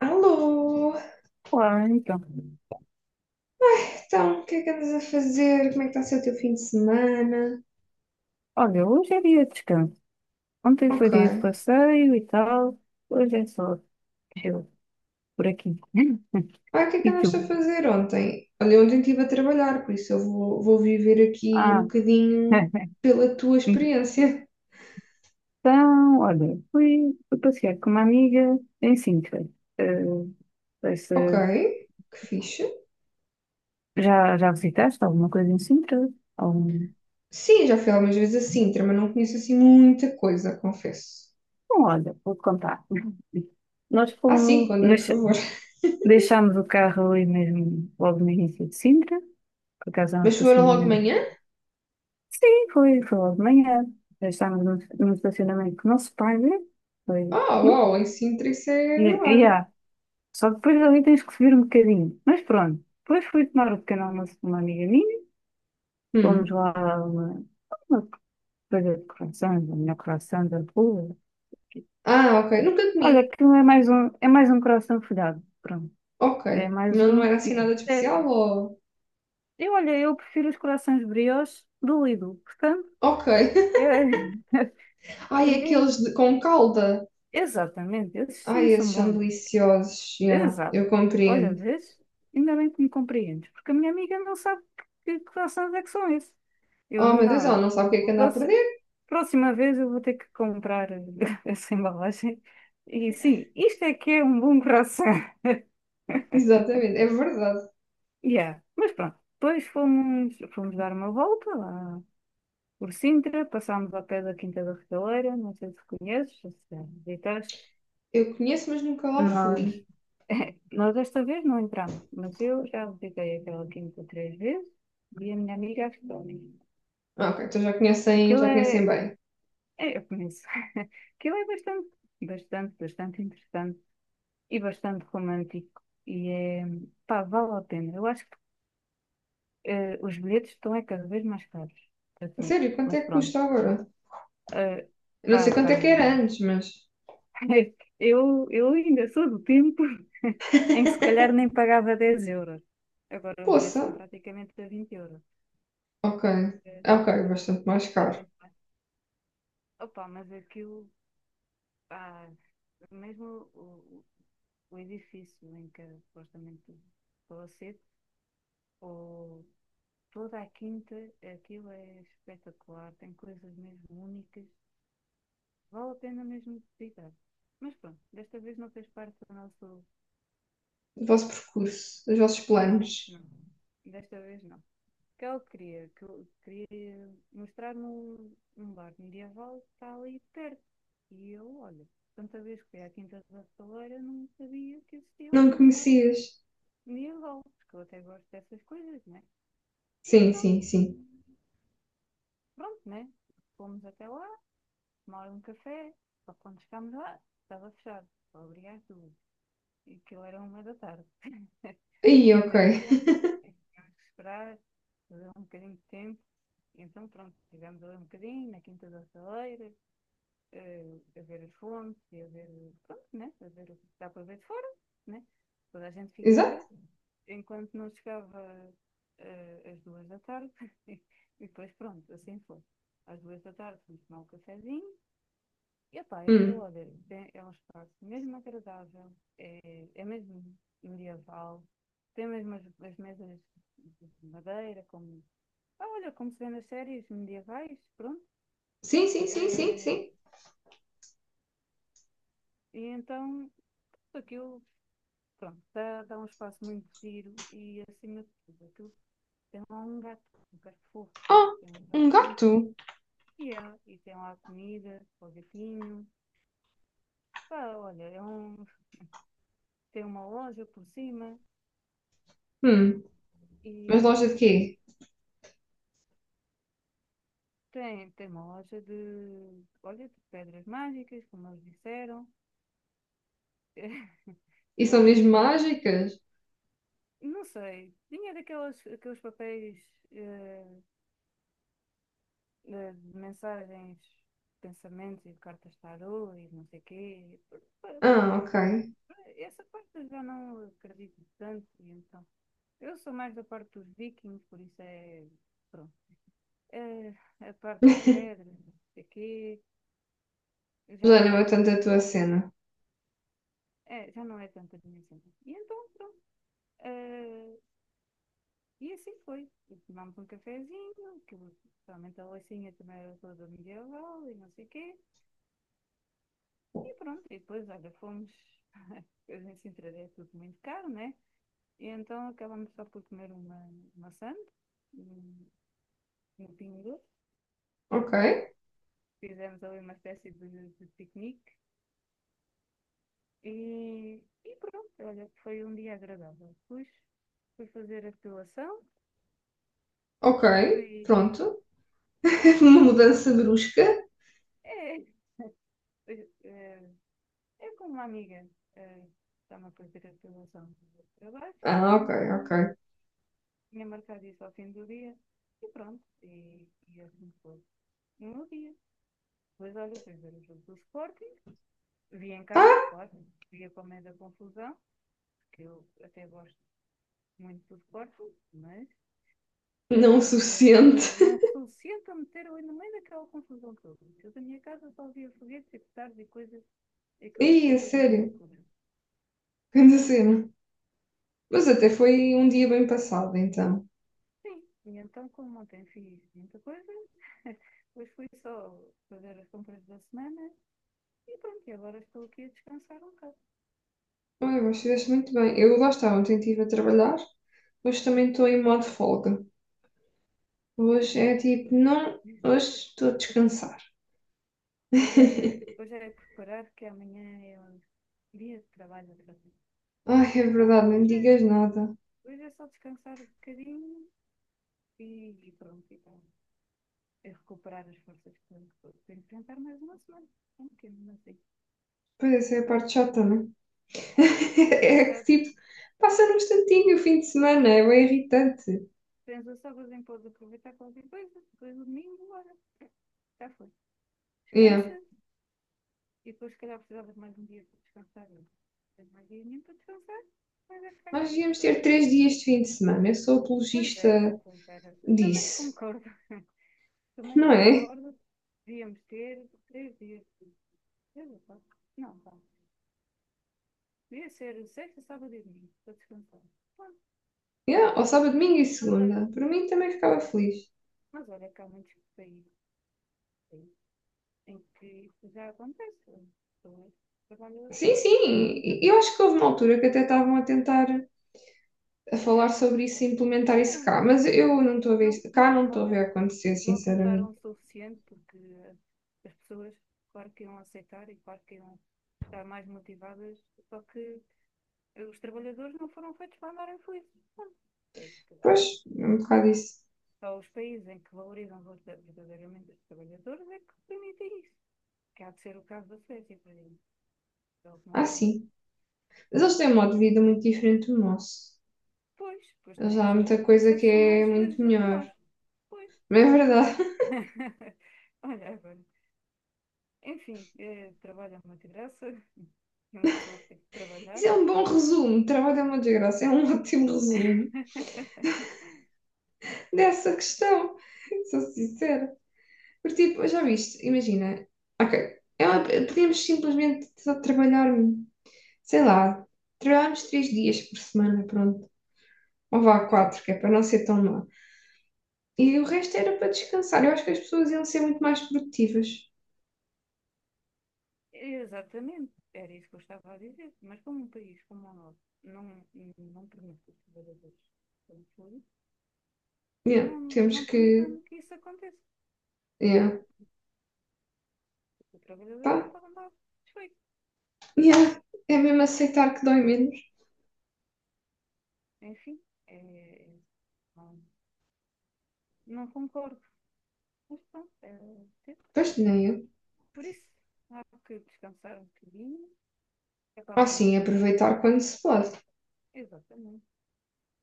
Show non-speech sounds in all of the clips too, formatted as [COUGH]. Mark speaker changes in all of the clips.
Speaker 1: Alô!
Speaker 2: Olá, então.
Speaker 1: Então, o que é que andas a fazer? Como é que está a ser o teu fim de semana?
Speaker 2: Olha, hoje é dia de descanso. Ontem
Speaker 1: Ok.
Speaker 2: foi dia de passeio e tal. Hoje é só eu por aqui. [LAUGHS]
Speaker 1: Ah, o que é que
Speaker 2: E
Speaker 1: andaste a
Speaker 2: tu?
Speaker 1: fazer ontem? Olha, ontem estive a trabalhar, por isso eu vou viver aqui um
Speaker 2: Ah,
Speaker 1: bocadinho
Speaker 2: [LAUGHS]
Speaker 1: pela tua experiência.
Speaker 2: então, olha, fui passear com uma amiga em Sintra. Não sei se
Speaker 1: Ok, que fixe.
Speaker 2: já visitaste alguma coisa em Sintra? Algum...
Speaker 1: Sim, já fui algumas vezes a Sintra, mas não conheço assim muita coisa, confesso.
Speaker 2: Bom, olha, vou-te contar. [LAUGHS] Nós
Speaker 1: Ah, sim,
Speaker 2: fomos,
Speaker 1: conta-me, por
Speaker 2: deixa,
Speaker 1: favor.
Speaker 2: deixámos o carro ali mesmo, logo no início de Sintra. Por acaso, é um
Speaker 1: Mas foram logo de
Speaker 2: estacionamento.
Speaker 1: manhã?
Speaker 2: Sim, foi logo de manhã. Já estávamos num estacionamento que não se paga. Foi.
Speaker 1: Ah, uau,
Speaker 2: hum,
Speaker 1: em Sintra isso é
Speaker 2: E, e
Speaker 1: milagre.
Speaker 2: há. Só depois ali tens que subir um bocadinho. Mas pronto. Depois fui tomar o pequeno almoço com uma amiga minha. Fomos
Speaker 1: Hum.
Speaker 2: lá a uma coisa de croissants, a melhor croissant da rua.
Speaker 1: Ah, ok. Nunca
Speaker 2: Olha,
Speaker 1: comi.
Speaker 2: aquilo é mais um coração folhado. Pronto.
Speaker 1: Ok.
Speaker 2: É mais
Speaker 1: Não, não
Speaker 2: um.
Speaker 1: era assim
Speaker 2: E,
Speaker 1: nada de
Speaker 2: é,
Speaker 1: especial ou.
Speaker 2: eu, olha, eu prefiro os corações brioches do Lidl. Portanto,
Speaker 1: Ok. [LAUGHS]
Speaker 2: é, [LAUGHS]
Speaker 1: Ai,
Speaker 2: para
Speaker 1: aqueles
Speaker 2: mim,
Speaker 1: de- com calda.
Speaker 2: exatamente. Esses sim
Speaker 1: Ai, esses
Speaker 2: são
Speaker 1: são
Speaker 2: bons.
Speaker 1: deliciosos. Já,
Speaker 2: Exato.
Speaker 1: eu
Speaker 2: Olha,
Speaker 1: compreendo.
Speaker 2: vês? Ainda bem que me compreendes, porque a minha amiga não sabe que croissants é que são esses. Eu
Speaker 1: Oh, meu Deus,
Speaker 2: não,
Speaker 1: ela não sabe o que é que anda a perder.
Speaker 2: próxima vez eu vou ter que comprar [LAUGHS] essa embalagem. E sim, isto é que é um bom croissant. [LAUGHS]
Speaker 1: [LAUGHS] Exatamente, é verdade.
Speaker 2: Yeah. Mas pronto, depois fomos dar uma volta lá por Sintra, passámos ao pé da Quinta da Regaleira, não sei se conheces, se já visitaste.
Speaker 1: Eu conheço, mas nunca lá
Speaker 2: Nós
Speaker 1: fui.
Speaker 2: [LAUGHS] Nós desta vez não entramos, mas eu já visitei aquela quinta três vezes e a minha amiga ajudou.
Speaker 1: Ah, ok, então
Speaker 2: Aquilo
Speaker 1: já conhecem bem.
Speaker 2: eu conheço, [LAUGHS] aquilo é bastante, bastante, bastante interessante e bastante romântico e pá, vale a pena. Eu acho que os bilhetes estão é cada vez mais caros para
Speaker 1: A
Speaker 2: tudo,
Speaker 1: sério, quanto
Speaker 2: mas
Speaker 1: é que custa
Speaker 2: pronto.
Speaker 1: agora?
Speaker 2: Eh,
Speaker 1: Eu não sei
Speaker 2: Pá,
Speaker 1: quanto
Speaker 2: pá,
Speaker 1: é que era antes, mas.
Speaker 2: [LAUGHS] eu ainda sou do tempo [LAUGHS] em que se
Speaker 1: [LAUGHS]
Speaker 2: calhar nem pagava 10 euros. Agora os bilhetes
Speaker 1: Poça.
Speaker 2: estão praticamente a 20 euros.
Speaker 1: Ok. Ah,
Speaker 2: eh,
Speaker 1: ok, bastante mais
Speaker 2: Está
Speaker 1: caro.
Speaker 2: muito bem. Opa, mas aquilo, pá, mesmo o- o edifício em que é supostamente estou a ser, ou toda a quinta, aquilo é espetacular, tem coisas mesmo únicas, vale a pena mesmo visitar. Mas pronto, desta vez não fez parte do nosso.
Speaker 1: O vosso percurso, os vossos
Speaker 2: Não,
Speaker 1: planos.
Speaker 2: não, desta vez não. Que eu queria mostrar num bar medieval que está ali perto. E eu, olha, tanta vez que fui à Quinta da Estaleira, não sabia que existia
Speaker 1: Não me
Speaker 2: ali um bar
Speaker 1: conhecias?
Speaker 2: medieval, porque eu até gosto dessas coisas, né? E
Speaker 1: Sim, sim,
Speaker 2: então,
Speaker 1: sim.
Speaker 2: pronto, né? Fomos até lá, tomar um café, só que quando chegámos lá, estava fechado. Obrigado. E aquilo era 1 da tarde. [LAUGHS]
Speaker 1: Aí, ok.
Speaker 2: Ainda tivemos que esperar, fazer um bocadinho de tempo. Então, pronto, estivemos ali um bocadinho na Quinta da Saleira, a ver as fontes e a ver, pronto, né? A ver o que dá para ver de fora, né? Toda a gente
Speaker 1: [LAUGHS]
Speaker 2: fica a
Speaker 1: Exato.
Speaker 2: ver. Enquanto não chegava às 2 da tarde, [LAUGHS] e depois, pronto, assim foi. Às duas da tarde fomos tomar um cafezinho e pá, aquilo,
Speaker 1: Hum.
Speaker 2: olha, bem, é um espaço mesmo agradável, é mesmo medieval, tem mesmo as mesas de madeira, como, ah, olha, como se vê nas séries medievais, pronto.
Speaker 1: Sim, sim, sim, sim, sim.
Speaker 2: E então, aquilo, pronto, dá um espaço muito giro e, acima de tudo, aquilo tem lá um gato fofo,
Speaker 1: Ah,
Speaker 2: tem um gato
Speaker 1: um
Speaker 2: muito
Speaker 1: gato?
Speaker 2: fiel, e tem lá comida, para o gatinho. Pá, olha, tem uma loja por cima
Speaker 1: Hum, mas loja
Speaker 2: e,
Speaker 1: de
Speaker 2: e
Speaker 1: quê?
Speaker 2: Tem, tem uma loja de, olha, de pedras mágicas, como eles disseram. [LAUGHS]
Speaker 1: E são mesmo
Speaker 2: Tem,
Speaker 1: mágicas?
Speaker 2: não sei, tinha daqueles aqueles papéis eh, de mensagens, pensamentos e cartas tarô e não sei quê. Pa-
Speaker 1: Ah,
Speaker 2: pa-
Speaker 1: ok.
Speaker 2: Pá, essa parte eu já não acredito tanto, e então. Eu sou mais da parte dos vikings, por isso é, pronto. Eh, a parte das
Speaker 1: [LAUGHS]
Speaker 2: pedras, não sei quê, já
Speaker 1: Já não é
Speaker 2: não,
Speaker 1: tanto a tua cena.
Speaker 2: já não é tanta a minha cena. E então, pronto. Eh, e assim foi. E tomámos um cafezinho, que realmente a Leicinha também era toda medieval e não sei o quê. E pronto, e depois, olha, fomos. [LAUGHS] Depois em Sintra é tudo muito caro, né? E então acabamos só por comer uma maçã no Pingo Doce.
Speaker 1: Ok,
Speaker 2: [LAUGHS] Fizemos ali uma espécie de piquenique e pronto, olha, foi um dia agradável. Fui fazer a depilação,
Speaker 1: ok,
Speaker 2: fui.
Speaker 1: pronto. [LAUGHS]
Speaker 2: [LAUGHS]
Speaker 1: Uma mudança brusca.
Speaker 2: É, eh, Eu com uma amiga eh, estava a fazer a apresentação do trabalho e
Speaker 1: Ah, ok,
Speaker 2: então
Speaker 1: ok.
Speaker 2: tinha marcado isso ao fim do dia e pronto, e assim foi. E um dia, depois olha, fui ver o jogo do Sporting, vi em casa,
Speaker 1: Ah,
Speaker 2: claro, via para o meio da confusão, que eu até gosto muito do Sporting, mas
Speaker 1: não o
Speaker 2: eh, não,
Speaker 1: suficiente.
Speaker 2: não sou suficiente a meter ali no meio daquela confusão toda. Eu da minha casa só via foguetes e petardos e coisas,
Speaker 1: [LAUGHS]
Speaker 2: aquilo deve
Speaker 1: Ih,
Speaker 2: ter
Speaker 1: a
Speaker 2: sido uma
Speaker 1: sério,
Speaker 2: loucura.
Speaker 1: grande cena. Mas até foi um dia bem passado, então.
Speaker 2: Sim, e então, como ontem fiz muita coisa, [LAUGHS] hoje fui só fazer as compras da semana e pronto, e agora estou aqui a descansar um bocado.
Speaker 1: Olha, mas fizeste muito bem. Eu lá estava, ontem estive a trabalhar. Hoje também estou em modo folga.
Speaker 2: Sim,
Speaker 1: Hoje
Speaker 2: então,
Speaker 1: é tipo,
Speaker 2: né?
Speaker 1: não, hoje estou a descansar.
Speaker 2: hoje,
Speaker 1: [LAUGHS]
Speaker 2: é, hoje é preparar que amanhã é um dia de trabalho outra vez.
Speaker 1: Ai,
Speaker 2: E
Speaker 1: é
Speaker 2: então,
Speaker 1: verdade, não me
Speaker 2: hoje
Speaker 1: digas
Speaker 2: é,
Speaker 1: nada.
Speaker 2: hoje é só descansar um bocadinho e pronto, e então, é recuperar as forças que tenho que enfrentar mais uma semana. É um bocadinho assim.
Speaker 1: Pois essa é a parte chata, não é?
Speaker 2: É
Speaker 1: [LAUGHS]
Speaker 2: bate
Speaker 1: É que
Speaker 2: chata.
Speaker 1: tipo, passa num instantinho o fim de semana, é bem irritante.
Speaker 2: Pensa só que os Zinho aproveitar qualquer coisa. Depois o domingo, bora. Já foi.
Speaker 1: Yeah.
Speaker 2: Descansa e depois, se calhar, precisava de mais um dia para descansar. Tens mais dia nenhum para descansar, mas é que ganha
Speaker 1: Nós
Speaker 2: a
Speaker 1: devíamos
Speaker 2: força.
Speaker 1: ter 3 dias de fim de semana, eu sou
Speaker 2: Pois era,
Speaker 1: apologista
Speaker 2: pois era. Eu também
Speaker 1: disso,
Speaker 2: concordo. [LAUGHS] também
Speaker 1: não é?
Speaker 2: concordo. Devíamos ter 3 dias. 3 ou 4? Não, vá. Devia ser sexta, sábado e domingo para descansar. Bom,
Speaker 1: Yeah. Ou sábado, domingo e
Speaker 2: mas olha,
Speaker 1: segunda. Para mim também ficava feliz.
Speaker 2: mas olha que há muitos países em que isso já acontece. Eu trabalho
Speaker 1: Sim,
Speaker 2: até
Speaker 1: sim, eu
Speaker 2: quinta-feira.
Speaker 1: acho que houve uma altura que até estavam a tentar a falar
Speaker 2: É,
Speaker 1: sobre isso e implementar
Speaker 2: Não,
Speaker 1: isso cá,
Speaker 2: não,
Speaker 1: mas eu não estou a ver
Speaker 2: não,
Speaker 1: isso, cá
Speaker 2: não,
Speaker 1: não
Speaker 2: não,
Speaker 1: estou a ver acontecer,
Speaker 2: não tentaram
Speaker 1: sinceramente.
Speaker 2: o suficiente porque as pessoas, claro que iam aceitar e claro que iam estar mais motivadas, só que os trabalhadores não foram feitos para andarem felizes. Pronto, é isso que eu acho.
Speaker 1: Pois, é um bocado isso.
Speaker 2: Só os países em que valorizam verdadeiramente os trabalhadores é que permitem isso. Que há de ser o caso da Suécia, por exemplo. É o que me
Speaker 1: Ah,
Speaker 2: ocorre.
Speaker 1: sim. Mas eles têm um modo de vida muito diferente do nosso.
Speaker 2: Pois, pois
Speaker 1: Eles
Speaker 2: têm,
Speaker 1: há
Speaker 2: se calhar
Speaker 1: muita
Speaker 2: por isso
Speaker 1: coisa
Speaker 2: é
Speaker 1: que
Speaker 2: que são
Speaker 1: é
Speaker 2: mais
Speaker 1: muito
Speaker 2: felizes do que nós.
Speaker 1: melhor.
Speaker 2: Pois.
Speaker 1: Mas é verdade.
Speaker 2: [LAUGHS] Olha, agora. Enfim, trabalho é uma desgraça, [LAUGHS] uma pessoa tem que
Speaker 1: [LAUGHS] Isso
Speaker 2: trabalhar.
Speaker 1: é um bom resumo. Trabalho é uma desgraça. É um [LAUGHS] ótimo resumo
Speaker 2: [LAUGHS]
Speaker 1: dessa questão. [LAUGHS] Sou sincera. Porque, tipo, já viste, imagina. Ok. Podíamos simplesmente só trabalhar, um, sei lá, trabalharmos 3 dias por semana, pronto. Ou vá
Speaker 2: Era.
Speaker 1: quatro, que é para não ser tão má. E o resto era para descansar. Eu acho que as pessoas iam ser muito mais produtivas.
Speaker 2: Exatamente, era isso que eu estava a dizer. Mas como um país como o nosso não permite que os trabalhadores sejam felizes,
Speaker 1: Yeah,
Speaker 2: não,
Speaker 1: temos
Speaker 2: não
Speaker 1: que.
Speaker 2: permitam que isso aconteça.
Speaker 1: Yeah.
Speaker 2: Pronto, o trabalhador
Speaker 1: Pá,
Speaker 2: não pode andar desfeito.
Speaker 1: yeah, é mesmo aceitar que dói menos.
Speaker 2: Enfim, não, não concordo. Mas pronto,
Speaker 1: Pois nem eu.
Speaker 2: por isso, há que descansar um bocadinho. É para
Speaker 1: Ah, sim,
Speaker 2: amanhã.
Speaker 1: aproveitar quando se pode.
Speaker 2: Exatamente.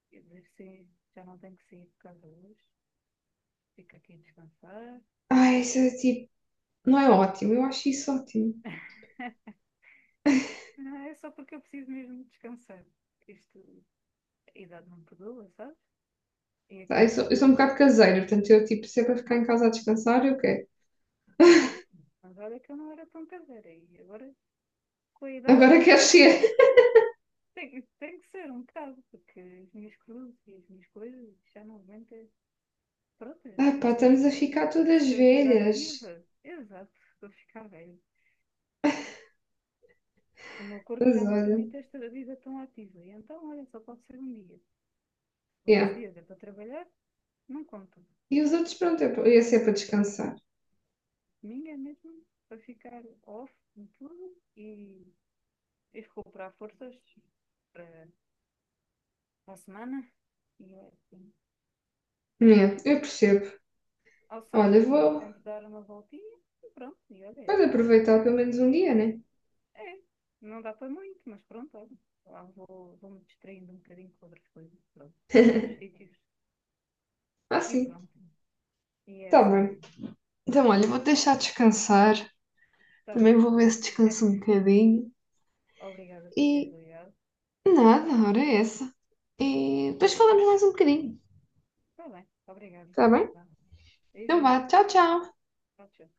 Speaker 2: Quer dizer, sim, já não tenho que sair de casa hoje. Fico aqui a descansar.
Speaker 1: Ai, isso é tipo, não é ótimo, eu acho isso ótimo.
Speaker 2: Não, é só porque eu preciso mesmo descansar. Isto, a idade não perdoa, sabe. E aqui
Speaker 1: Tá, eu sou um
Speaker 2: escolhi.
Speaker 1: bocado caseira, portanto, eu tipo, sempre para ficar em casa a descansar, eu quero.
Speaker 2: Pois, mas olha que eu não era tão caseira. E agora, com a idade,
Speaker 1: Agora quero
Speaker 2: [LAUGHS]
Speaker 1: ser. [LAUGHS]
Speaker 2: tem que ser um bocado, porque as minhas cruzes e as minhas coisas já não aguentam. Pronto,
Speaker 1: Ah, pá,
Speaker 2: esta,
Speaker 1: estamos a ficar todas
Speaker 2: esta vida
Speaker 1: velhas.
Speaker 2: ativa. Exato, estou a ficar velho. O meu corpo
Speaker 1: Mas
Speaker 2: já não
Speaker 1: olha,
Speaker 2: permite esta vida tão ativa. E então, olha, só pode ser um dia. Os
Speaker 1: yeah.
Speaker 2: outros dias é para trabalhar, não conto.
Speaker 1: E os outros, pronto, eu ia ser para descansar.
Speaker 2: Domingo é mesmo para ficar off de tudo e recuperar forças para, para a semana. E é assim.
Speaker 1: Yeah, eu percebo.
Speaker 2: Ao
Speaker 1: Olha,
Speaker 2: sábado tento,
Speaker 1: vou,
Speaker 2: tento dar uma voltinha e pronto, e olha, é
Speaker 1: vou
Speaker 2: assim.
Speaker 1: aproveitar pelo menos um dia, né?
Speaker 2: É, não dá para muito, mas pronto, olha. Lá vou me distraindo um bocadinho com outras coisas, pronto. E noutros sítios,
Speaker 1: Ah,
Speaker 2: e
Speaker 1: sim,
Speaker 2: pronto. E é
Speaker 1: tá
Speaker 2: assim, é
Speaker 1: bem.
Speaker 2: assim.
Speaker 1: Então, olha, vou deixar descansar.
Speaker 2: Está
Speaker 1: Também
Speaker 2: bem,
Speaker 1: vou ver se
Speaker 2: olha. [LAUGHS]
Speaker 1: descanso um bocadinho.
Speaker 2: Obrigada por teres
Speaker 1: E
Speaker 2: ligado.
Speaker 1: nada, ora é essa. E depois falamos mais um bocadinho,
Speaker 2: Está bem, obrigada.
Speaker 1: está bem?
Speaker 2: Vá.
Speaker 1: Então
Speaker 2: Beijinhos.
Speaker 1: vá, tchau, tchau.
Speaker 2: Tchau, tchau.